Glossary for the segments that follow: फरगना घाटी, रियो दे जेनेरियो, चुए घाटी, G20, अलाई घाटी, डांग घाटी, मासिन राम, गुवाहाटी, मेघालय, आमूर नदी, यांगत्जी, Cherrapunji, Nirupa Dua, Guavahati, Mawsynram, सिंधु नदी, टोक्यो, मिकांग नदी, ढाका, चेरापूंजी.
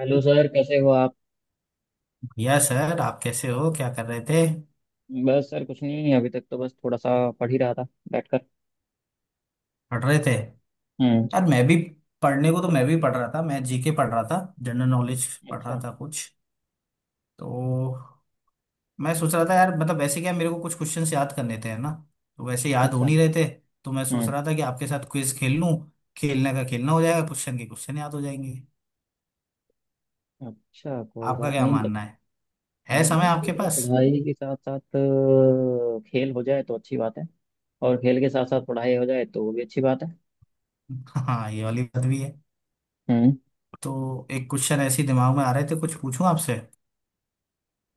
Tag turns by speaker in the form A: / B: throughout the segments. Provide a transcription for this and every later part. A: Hello sir, कैसे हो आप।
B: या सर, आप कैसे हो? क्या कर रहे थे?
A: बस सर, कुछ नहीं, अभी तक तो बस थोड़ा सा पढ़ ही रहा था बैठकर।
B: पढ़ रहे थे?
A: हम्म।
B: यार मैं भी। पढ़ने को तो मैं भी पढ़ रहा था, मैं जीके पढ़ रहा था, जनरल नॉलेज पढ़
A: अच्छा।
B: रहा था कुछ। तो मैं सोच रहा था यार, मतलब वैसे, क्या मेरे को कुछ क्वेश्चंस याद करने थे, है ना? तो वैसे याद हो
A: अच्छा।
B: नहीं रहे थे। तो मैं सोच
A: हम्म।
B: रहा था कि आपके साथ क्विज खेल लूं। खेलने का खेलना हो जाएगा, क्वेश्चन के क्वेश्चन याद हो जाएंगे।
A: अच्छा, कोई
B: आपका
A: बात
B: क्या
A: नहीं
B: मानना है?
A: हाँ,
B: है समय
A: नहीं
B: आपके
A: ठीक है,
B: पास?
A: पढ़ाई के साथ साथ खेल हो जाए तो अच्छी बात है। और खेल के साथ साथ पढ़ाई हो जाए तो वो भी अच्छी बात है।
B: हाँ, ये वाली बात भी है।
A: हम्म।
B: तो एक क्वेश्चन ऐसे ही दिमाग में आ रहे थे, कुछ पूछूं आपसे?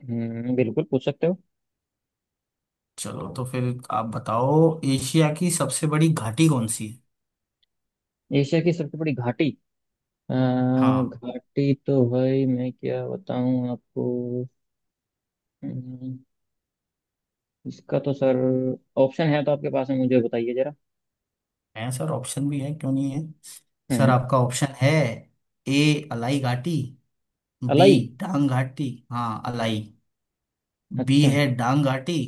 A: बिल्कुल पूछ सकते हो।
B: चलो तो फिर। आप बताओ, एशिया की सबसे बड़ी घाटी कौन सी है?
A: एशिया की सबसे बड़ी घाटी।
B: हाँ,
A: घाटी तो भाई, मैं क्या बताऊं आपको। हम्म, इसका तो सर, ऑप्शन है तो आपके पास में, मुझे बताइए जरा।
B: है सर, ऑप्शन भी है, क्यों नहीं है। सर
A: हम्म।
B: आपका ऑप्शन है, ए अलाई घाटी। B
A: Alai.
B: डांग घाटी, हाँ अलाई। बी
A: अच्छा।
B: है डांग घाटी।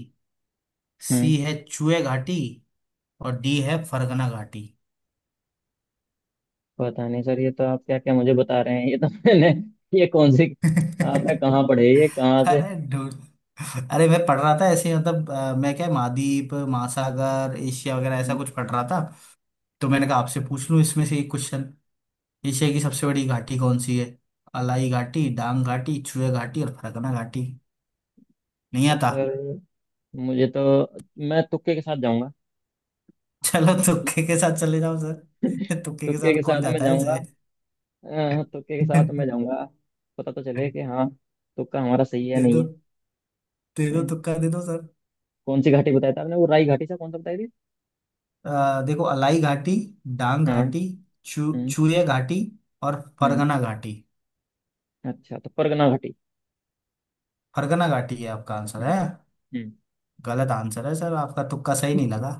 A: हम्म।
B: सी है चुए घाटी। और डी है फरगना घाटी।
A: पता नहीं सर, ये तो आप क्या क्या मुझे बता रहे हैं, ये तो मैंने ये कौन सी, आपने कहाँ पढ़े, ये कहाँ से।
B: अरे, अरे मैं पढ़ रहा था ऐसे, मतलब मैं क्या, महाद्वीप महासागर एशिया वगैरह ऐसा
A: हम्म,
B: कुछ पढ़ रहा था। तो मैंने कहा आपसे पूछ लूं इसमें से एक क्वेश्चन। एशिया की सबसे
A: अच्छा,
B: बड़ी घाटी कौन सी है? अलाई घाटी, डांग घाटी, चुए घाटी और फरकना घाटी। नहीं
A: तो
B: आता?
A: सर मुझे तो, मैं तुक्के के साथ जाऊंगा।
B: चलो तुक्के के साथ चले जाओ सर। तुक्के के
A: तुक्के
B: साथ
A: के साथ
B: कौन
A: मैं
B: जाता है
A: जाऊंगा।
B: ऐसे।
A: तुक्के के साथ मैं जाऊंगा। पता तो चले कि हाँ, तुक्का हमारा सही है,
B: दे
A: नहीं
B: दो,
A: है।
B: दे दो
A: हम्म,
B: तुक्का दे दो सर।
A: कौन सी घाटी बताया था आपने, वो राई घाटी से कौन सा बताई थी।
B: देखो, अलाई घाटी, डांग
A: हाँ।
B: घाटी, चू
A: हम्म।
B: चूरिया घाटी और
A: हम्म।
B: फरगना घाटी।
A: अच्छा, तो परगना घाटी।
B: फरगना घाटी है आपका आंसर
A: हम्म।
B: है? गलत आंसर है सर, आपका तुक्का सही नहीं लगा।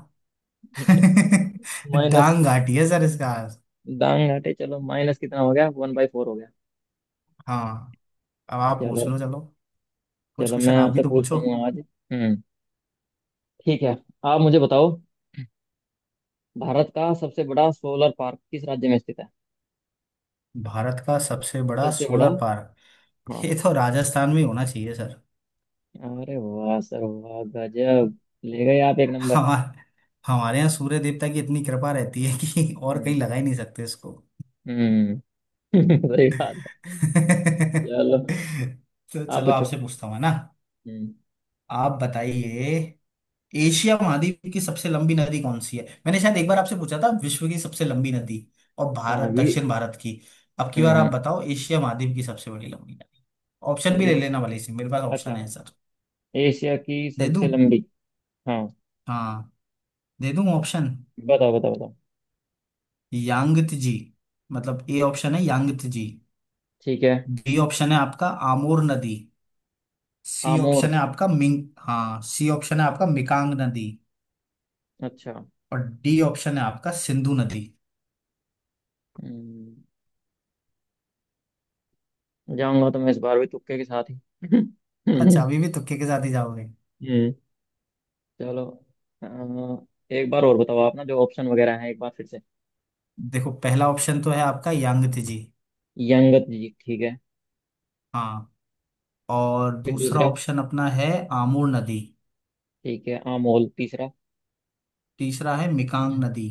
A: हम्म। माइनस।
B: डांग घाटी है सर इसका आंसर।
A: दांग घाटी। चलो, माइनस कितना हो गया, 1/4 हो गया।
B: हाँ, अब आप पूछ
A: चलो।
B: लो चलो। कुछ
A: चलो, मैं
B: क्वेश्चन आप भी
A: आपसे
B: तो
A: पूछता
B: पूछो।
A: हूँ आज। हम्म। ठीक है। आप मुझे बताओ, भारत का सबसे बड़ा सोलर पार्क किस राज्य में स्थित है।
B: भारत का सबसे बड़ा
A: सबसे बड़ा।
B: Solar park?
A: हाँ।
B: ये तो राजस्थान में होना चाहिए सर।
A: अरे वाह सर, वाह गजब। ले गए आप एक नंबर।
B: हमारे हमारे यहाँ सूर्य देवता की इतनी कृपा रहती है कि और
A: हम्म।
B: कहीं लगा ही नहीं सकते इसको।
A: हम्म। सही बात है। चलो।
B: तो
A: आप
B: चलो
A: पूछो।
B: आपसे पूछता हूँ, है ना?
A: हम्म।
B: आप बताइए, एशिया महाद्वीप की सबसे लंबी नदी कौन सी है? मैंने शायद एक बार आपसे पूछा था विश्व की सबसे लंबी नदी और
A: हाँ
B: भारत,
A: भी।
B: दक्षिण भारत की। अब की
A: हम्म।
B: बार
A: हम्म।
B: आप बताओ एशिया महाद्वीप की सबसे बड़ी लंबी नदी। ऑप्शन भी ले
A: एश,
B: लेना भले से, मेरे पास ऑप्शन
A: अच्छा,
B: है सर।
A: एशिया की
B: दे दूं?
A: सबसे लंबी। हाँ।
B: हाँ, दे दूं ऑप्शन।
A: बताओ बताओ बताओ।
B: यांगत्जी, मतलब ए ऑप्शन है यांगत्जी।
A: ठीक है।
B: बी ऑप्शन है आपका आमोर नदी।
A: आमोर।
B: सी ऑप्शन है आपका मिकांग नदी।
A: अच्छा।
B: और डी ऑप्शन है आपका सिंधु नदी।
A: हम्म, जाऊंगा तो मैं इस बार भी तुक्के के साथ
B: अच्छा,
A: ही।
B: अभी भी तुक्के के साथ ही जाओगे?
A: हम्म। चलो। अ, एक बार और बताओ आप ना, जो ऑप्शन वगैरह है एक बार फिर से।
B: देखो, पहला ऑप्शन तो है आपका यांगत्ze जी,
A: यंगत जी, ठीक है।
B: हाँ। और
A: फिर
B: दूसरा
A: दूसरा।
B: ऑप्शन अपना है आमूर नदी।
A: ठीक है, अमोल। तीसरा।
B: तीसरा है मिकांग नदी।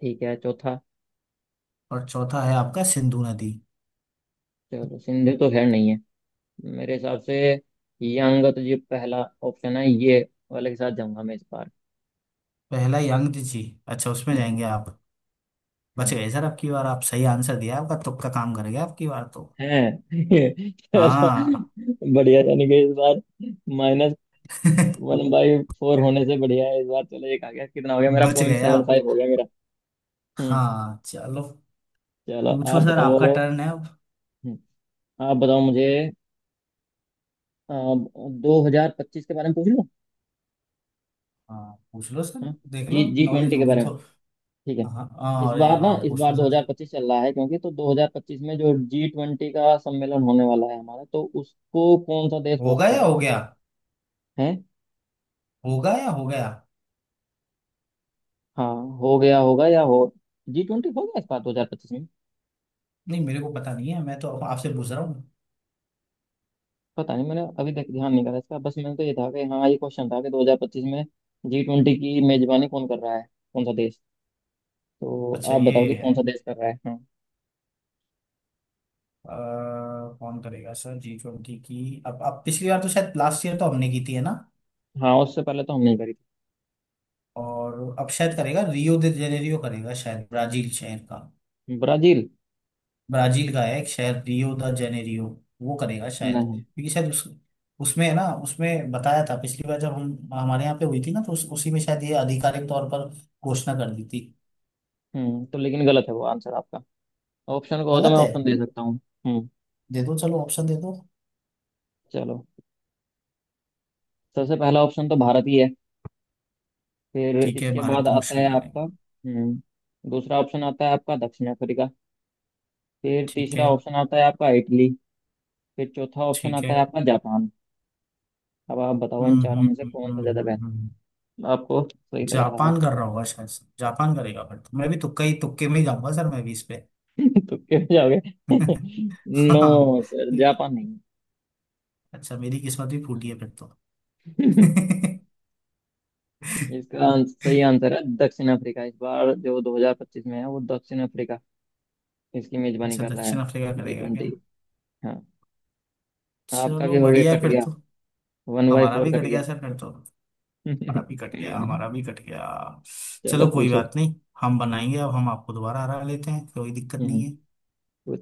A: ठीक है, चौथा।
B: और चौथा है आपका सिंधु नदी।
A: चलो, सिंधु तो खैर नहीं है मेरे हिसाब से। यंगत जी पहला ऑप्शन है, ये वाले के साथ जाऊंगा मैं इस बार।
B: पहला यांगत्ze जी? अच्छा, उसमें
A: हम्म।
B: जाएंगे आप? बच
A: हाँ।
B: गए सर, आपकी बार आप सही आंसर दिया, आपका तुक्का काम कर गया आपकी बार तो।
A: है।
B: हाँ।
A: चलो, बढ़िया, यानी कि इस बार माइनस 1/4 होने से बढ़िया है। इस बार चलो, एक आ गया, कितना हो गया मेरा,
B: बच
A: पॉइंट
B: गए
A: सेवन
B: आप।
A: फाइव हो गया मेरा। हम्म।
B: हाँ चलो।
A: चलो,
B: पूछो
A: आप
B: सर,
A: बताओ।
B: आपका टर्न है अब।
A: हम्म, आप बताओ मुझे, 2025 के बारे में पूछ लूँ।
B: हाँ पूछ लो सर,
A: हाँ।
B: देख
A: जी,
B: लो
A: जी
B: नॉलेज
A: ट्वेंटी के
B: होगी
A: बारे में।
B: तो।
A: ठीक है।
B: हाँ,
A: इस
B: हाँ, अरे
A: बार ना,
B: हाँ
A: इस
B: पूछ
A: बार
B: लो सर।
A: 2025 चल रहा है, क्योंकि तो 2025 में जो जी ट्वेंटी का सम्मेलन होने वाला है हमारा, तो उसको कौन सा देश होस्ट
B: होगा
A: कर
B: या
A: रहा
B: हो
A: है।
B: गया?
A: हैं।
B: होगा या हो गया?
A: हाँ, हो गया होगा या हो। जी ट्वेंटी हो गया इस बार 2025 में।
B: नहीं, मेरे को पता नहीं है, मैं तो आपसे पूछ रहा हूँ।
A: पता नहीं, मैंने अभी तक ध्यान नहीं करा इसका, बस मैंने तो ये था कि हाँ, ये क्वेश्चन था कि 2025 में जी ट्वेंटी की मेजबानी कौन कर रहा है, कौन सा देश। तो
B: अच्छा,
A: आप बताओ
B: ये
A: कि
B: है,
A: कौन सा देश कर रहा है, हाँ।
B: अ, कौन करेगा सर G20 की? अब पिछली बार तो शायद लास्ट ईयर तो हमने की थी, है ना?
A: हाँ, उससे पहले तो हम नहीं करी
B: और अब शायद
A: थी।
B: करेगा रियो दे जेनेरियो, करेगा शायद, ब्राजील शहर का।
A: ब्राजील।
B: ब्राजील का है एक शहर रियो द जेनेरियो। वो करेगा शायद,
A: नहीं।
B: क्योंकि शायद उस उसमें है ना, उसमें बताया था पिछली बार जब हम हमारे यहाँ पे हुई थी ना, तो उसी में शायद ये आधिकारिक तौर पर घोषणा कर दी थी।
A: तो लेकिन गलत है वो आंसर आपका। ऑप्शन को हो तो मैं
B: गलत है।
A: ऑप्शन दे सकता हूँ। हम्म।
B: दे दो, चलो ऑप्शन दे दो।
A: चलो। सबसे पहला ऑप्शन तो भारत ही है। फिर
B: ठीक है,
A: इसके
B: भारत
A: बाद
B: तो
A: आता है
B: मुश्किल
A: आपका
B: करेगा।
A: दूसरा ऑप्शन, आता है आपका दक्षिण अफ्रीका। फिर
B: ठीक है।
A: तीसरा ऑप्शन आता है आपका इटली। फिर चौथा ऑप्शन
B: ठीक
A: आता
B: है।
A: है आपका जापान। अब आप बताओ इन चारों में से कौन सा ज्यादा
B: हम्म।
A: बेहतर आपको सही लग रहा है।
B: जापान कर रहा होगा शायद से। जापान करेगा फिर तो मैं भी तुक्का ही तुक्के में ही जाऊंगा सर, मैं भी इस पे।
A: तो क्यों जाओगे।
B: हाँ।
A: नो सर, जापान नहीं
B: अच्छा मेरी किस्मत भी फूटी है फिर तो।
A: है। इसका सही आंसर है दक्षिण अफ्रीका, इस बार जो 2025 में है वो दक्षिण अफ्रीका इसकी मेजबानी
B: अच्छा
A: कर रहा है,
B: दक्षिण अफ्रीका
A: जी
B: करेगा क्या?
A: ट्वेंटी। हाँ। आपका भी
B: चलो
A: हो गया,
B: बढ़िया है
A: कट
B: फिर
A: गया,
B: तो।
A: वन बाई
B: हमारा
A: फोर
B: भी
A: कट
B: कट गया
A: गया।
B: सर फिर तो, हमारा भी कट गया, हमारा भी कट गया।
A: चलो,
B: चलो कोई
A: पूछो।
B: बात नहीं। हम बनाएंगे, अब हम आपको दोबारा हरा लेते हैं, कोई दिक्कत नहीं
A: हम्म।
B: है।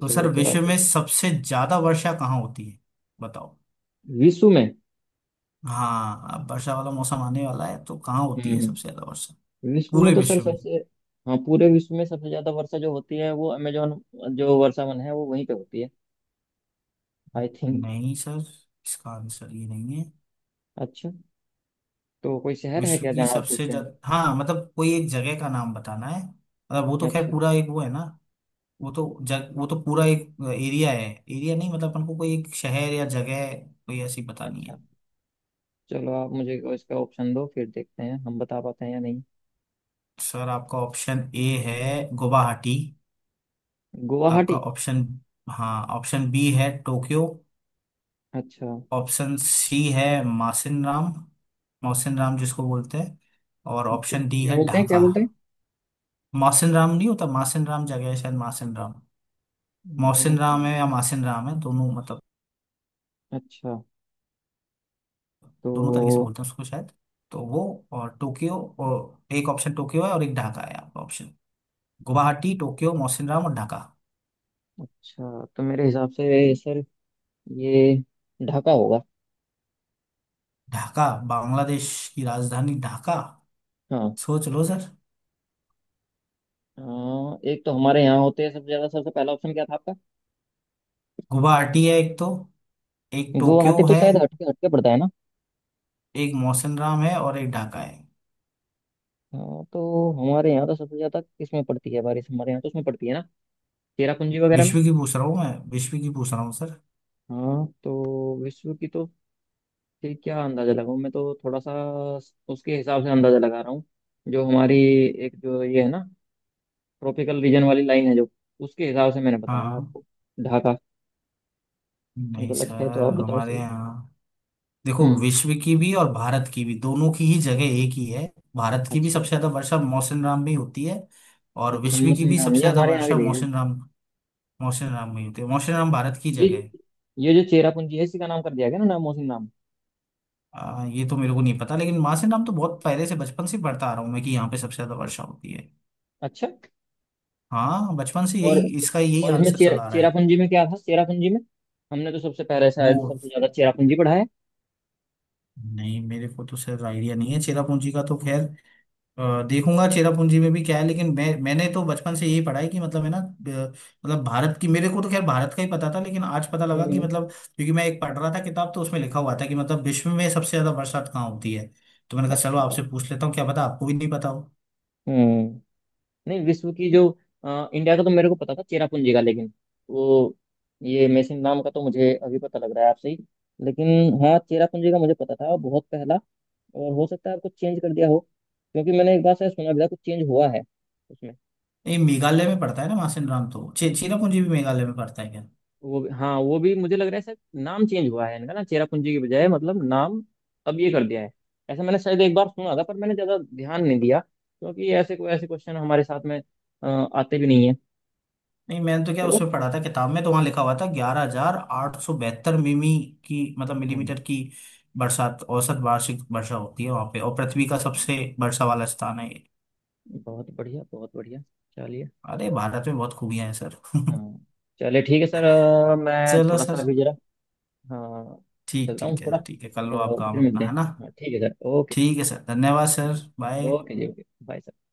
B: तो सर,
A: पूछो, आप
B: विश्व में
A: पूछो।
B: सबसे ज्यादा वर्षा कहाँ होती है, बताओ?
A: विश्व में।
B: हाँ अब वर्षा वाला मौसम आने वाला है, तो कहाँ
A: हम्म।
B: होती है सबसे
A: हम्म।
B: ज्यादा वर्षा?
A: विश्व में
B: पूरे
A: तो सर
B: विश्व में।
A: सबसे, हाँ पूरे विश्व में सबसे ज्यादा वर्षा जो होती है वो अमेजोन, जो वर्षावन है वो वहीं पे होती है, आई थिंक।
B: नहीं सर, इसका आंसर ये नहीं है।
A: अच्छा। तो कोई शहर है
B: विश्व
A: क्या
B: की
A: जहाँ आप पूछ
B: सबसे
A: रहे
B: ज्यादा, हाँ, मतलब कोई एक जगह का नाम बताना है, मतलब वो तो
A: हैं।
B: खैर
A: अच्छा।
B: पूरा एक वो है ना। वो तो पूरा एक एरिया है, एरिया नहीं, मतलब अपन को कोई एक शहर या जगह कोई ऐसी बतानी
A: अच्छा,
B: है।
A: चलो आप मुझे इसका ऑप्शन दो, फिर देखते हैं हम बता पाते हैं या नहीं।
B: सर आपका ऑप्शन ए है गुवाहाटी। आपका
A: गुवाहाटी।
B: ऑप्शन हाँ, ऑप्शन बी है टोक्यो।
A: अच्छा।
B: ऑप्शन सी है मासिन राम, मौसिन राम जिसको बोलते हैं। और
A: क्या
B: ऑप्शन डी
A: क्या
B: है
A: बोलते हैं, क्या
B: ढाका।
A: बोलते हैं।
B: मौसिन राम नहीं होता, मासिन राम, जगह है शायद मासिन राम।
A: मैंने
B: मौसिन राम है
A: सुना।
B: या मासिन राम है, दोनों, मतलब
A: अच्छा।
B: दोनों तरीके से
A: तो
B: बोलते हैं उसको शायद। तो वो, और टोक्यो, और एक ऑप्शन टोक्यो है और एक ढाका है आपका option. गुवाहाटी, टोक्यो, Mawsynram और ढाका।
A: अच्छा, तो मेरे हिसाब से सर, ये ढाका होगा।
B: ढाका? बांग्लादेश की राजधानी ढाका।
A: हाँ।
B: सोच लो सर।
A: अ, एक तो हमारे यहाँ होते हैं सबसे ज्यादा, सबसे पहला ऑप्शन क्या था आपका।
B: गुवाहाटी है एक तो, एक
A: गुवाहाटी
B: टोक्यो
A: तो
B: है,
A: शायद हटके हटके पड़ता है ना।
B: एक मौसिन राम है और एक ढाका है।
A: हाँ, तो हमारे यहाँ तो सबसे ज्यादा किसमें पड़ती है बारिश, हमारे यहाँ तो उसमें पड़ती है ना, चेरापूंजी वगैरह
B: विश्व
A: में।
B: की पूछ रहा हूँ, मैं विश्व की पूछ रहा हूँ सर।
A: हाँ, तो विश्व की तो, कि क्या अंदाजा लगाऊं मैं तो, थोड़ा सा उसके हिसाब से अंदाजा लगा रहा हूँ, जो हमारी एक जो ये है ना, ट्रॉपिकल रीजन वाली लाइन है जो, उसके हिसाब से मैंने बताया
B: हाँ।
A: आपको। ढाका।
B: नहीं
A: गलत है तो
B: सर
A: आप बताओ
B: हमारे
A: सही।
B: यहाँ। देखो,
A: हम्म।
B: विश्व की भी और भारत की भी, दोनों की ही जगह एक ही है। भारत की भी
A: अच्छा।
B: सबसे ज्यादा वर्षा मौसम राम में ही होती है। और
A: अच्छा,
B: विश्व की
A: मोहसिन
B: भी
A: नाम
B: सबसे
A: ये
B: ज्यादा
A: हमारे यहाँ की
B: वर्षा
A: जगह है।
B: मौसम राम में ही होती है। मौसम राम भारत की
A: ये
B: जगह है।
A: ये जो चेरापूंजी है इसी का नाम कर दिया गया ना, नाम मोहसिन नाम।
B: ये तो मेरे को नहीं पता, लेकिन मासिन राम तो बहुत पहले से, बचपन से पढ़ता आ रहा हूँ मैं, कि यहाँ पे सबसे ज्यादा वर्षा होती है।
A: अच्छा।
B: हाँ बचपन से
A: और
B: यही, इसका यही
A: और इसमें
B: आंसर चला आ रहा है।
A: चेरापूंजी में क्या था, चेरापूंजी में हमने तो सबसे पहले
B: वो,
A: शायद सबसे ज्यादा चेरापूंजी पढ़ा है।
B: नहीं, मेरे को तो सर आइडिया नहीं है चेरापूंजी का तो खैर। देखूंगा चेरापूंजी में भी क्या है, लेकिन मैं, मैंने तो बचपन से यही पढ़ा है कि मतलब, है ना, मतलब भारत की मेरे को तो खैर भारत का ही पता था, लेकिन आज पता लगा कि
A: हम्म।
B: मतलब, क्योंकि मैं एक पढ़ रहा था किताब, तो उसमें लिखा हुआ था कि मतलब विश्व में सबसे ज्यादा बरसात कहाँ होती है। तो मैंने कहा चलो
A: अच्छा।
B: आपसे पूछ लेता हूँ, क्या पता आपको भी नहीं पता हो।
A: हम्म। नहीं, विश्व की जो, इंडिया का तो मेरे को पता था चेरापूंजी का, लेकिन वो, ये मेसिन नाम का तो मुझे अभी पता लग रहा है आपसे ही, लेकिन हाँ, चेरापूंजी का मुझे पता था बहुत पहला। और हो सकता है आपको चेंज कर दिया हो, क्योंकि मैंने एक बार शायद सुना भी था कुछ चेंज हुआ है उसमें।
B: ये मेघालय में पड़ता है ना मासिन राम, तो चेरापूंजी भी मेघालय में पड़ता है क्या?
A: वो भी, हाँ वो भी मुझे लग रहा है सर, नाम चेंज हुआ है इनका ना, चेरापूंजी की बजाय मतलब नाम अब ये कर दिया है। ऐसा मैंने शायद एक बार सुना था, पर मैंने ज़्यादा ध्यान नहीं दिया क्योंकि ऐसे कोई ऐसे क्वेश्चन हमारे साथ में आते भी नहीं है।
B: नहीं, मैंने तो क्या
A: चलो।
B: उसमें पढ़ा था किताब में, तो वहां लिखा हुआ था 11,872 मिमी की, मतलब
A: हम्म,
B: मिलीमीटर की बरसात, औसत वार्षिक वर्षा होती है वहां पे, और पृथ्वी का
A: अच्छा,
B: सबसे वर्षा वाला स्थान है ये।
A: बहुत बढ़िया, बहुत बढ़िया। चलिए।
B: अरे भारत में बहुत खूबियां हैं सर।
A: हाँ, चलिए ठीक है सर, मैं
B: चलो
A: थोड़ा सा
B: सर।
A: अभी जरा। हाँ,
B: ठीक,
A: चलता हूँ
B: ठीक है
A: थोड़ा
B: सर, ठीक है, कर लो आप
A: और
B: काम
A: फिर
B: अपना,
A: मिलते
B: है
A: हैं।
B: ना?
A: हाँ ठीक है सर, ओके।
B: ठीक है सर, धन्यवाद सर। बाय।
A: ओके जी, ओके, बाय।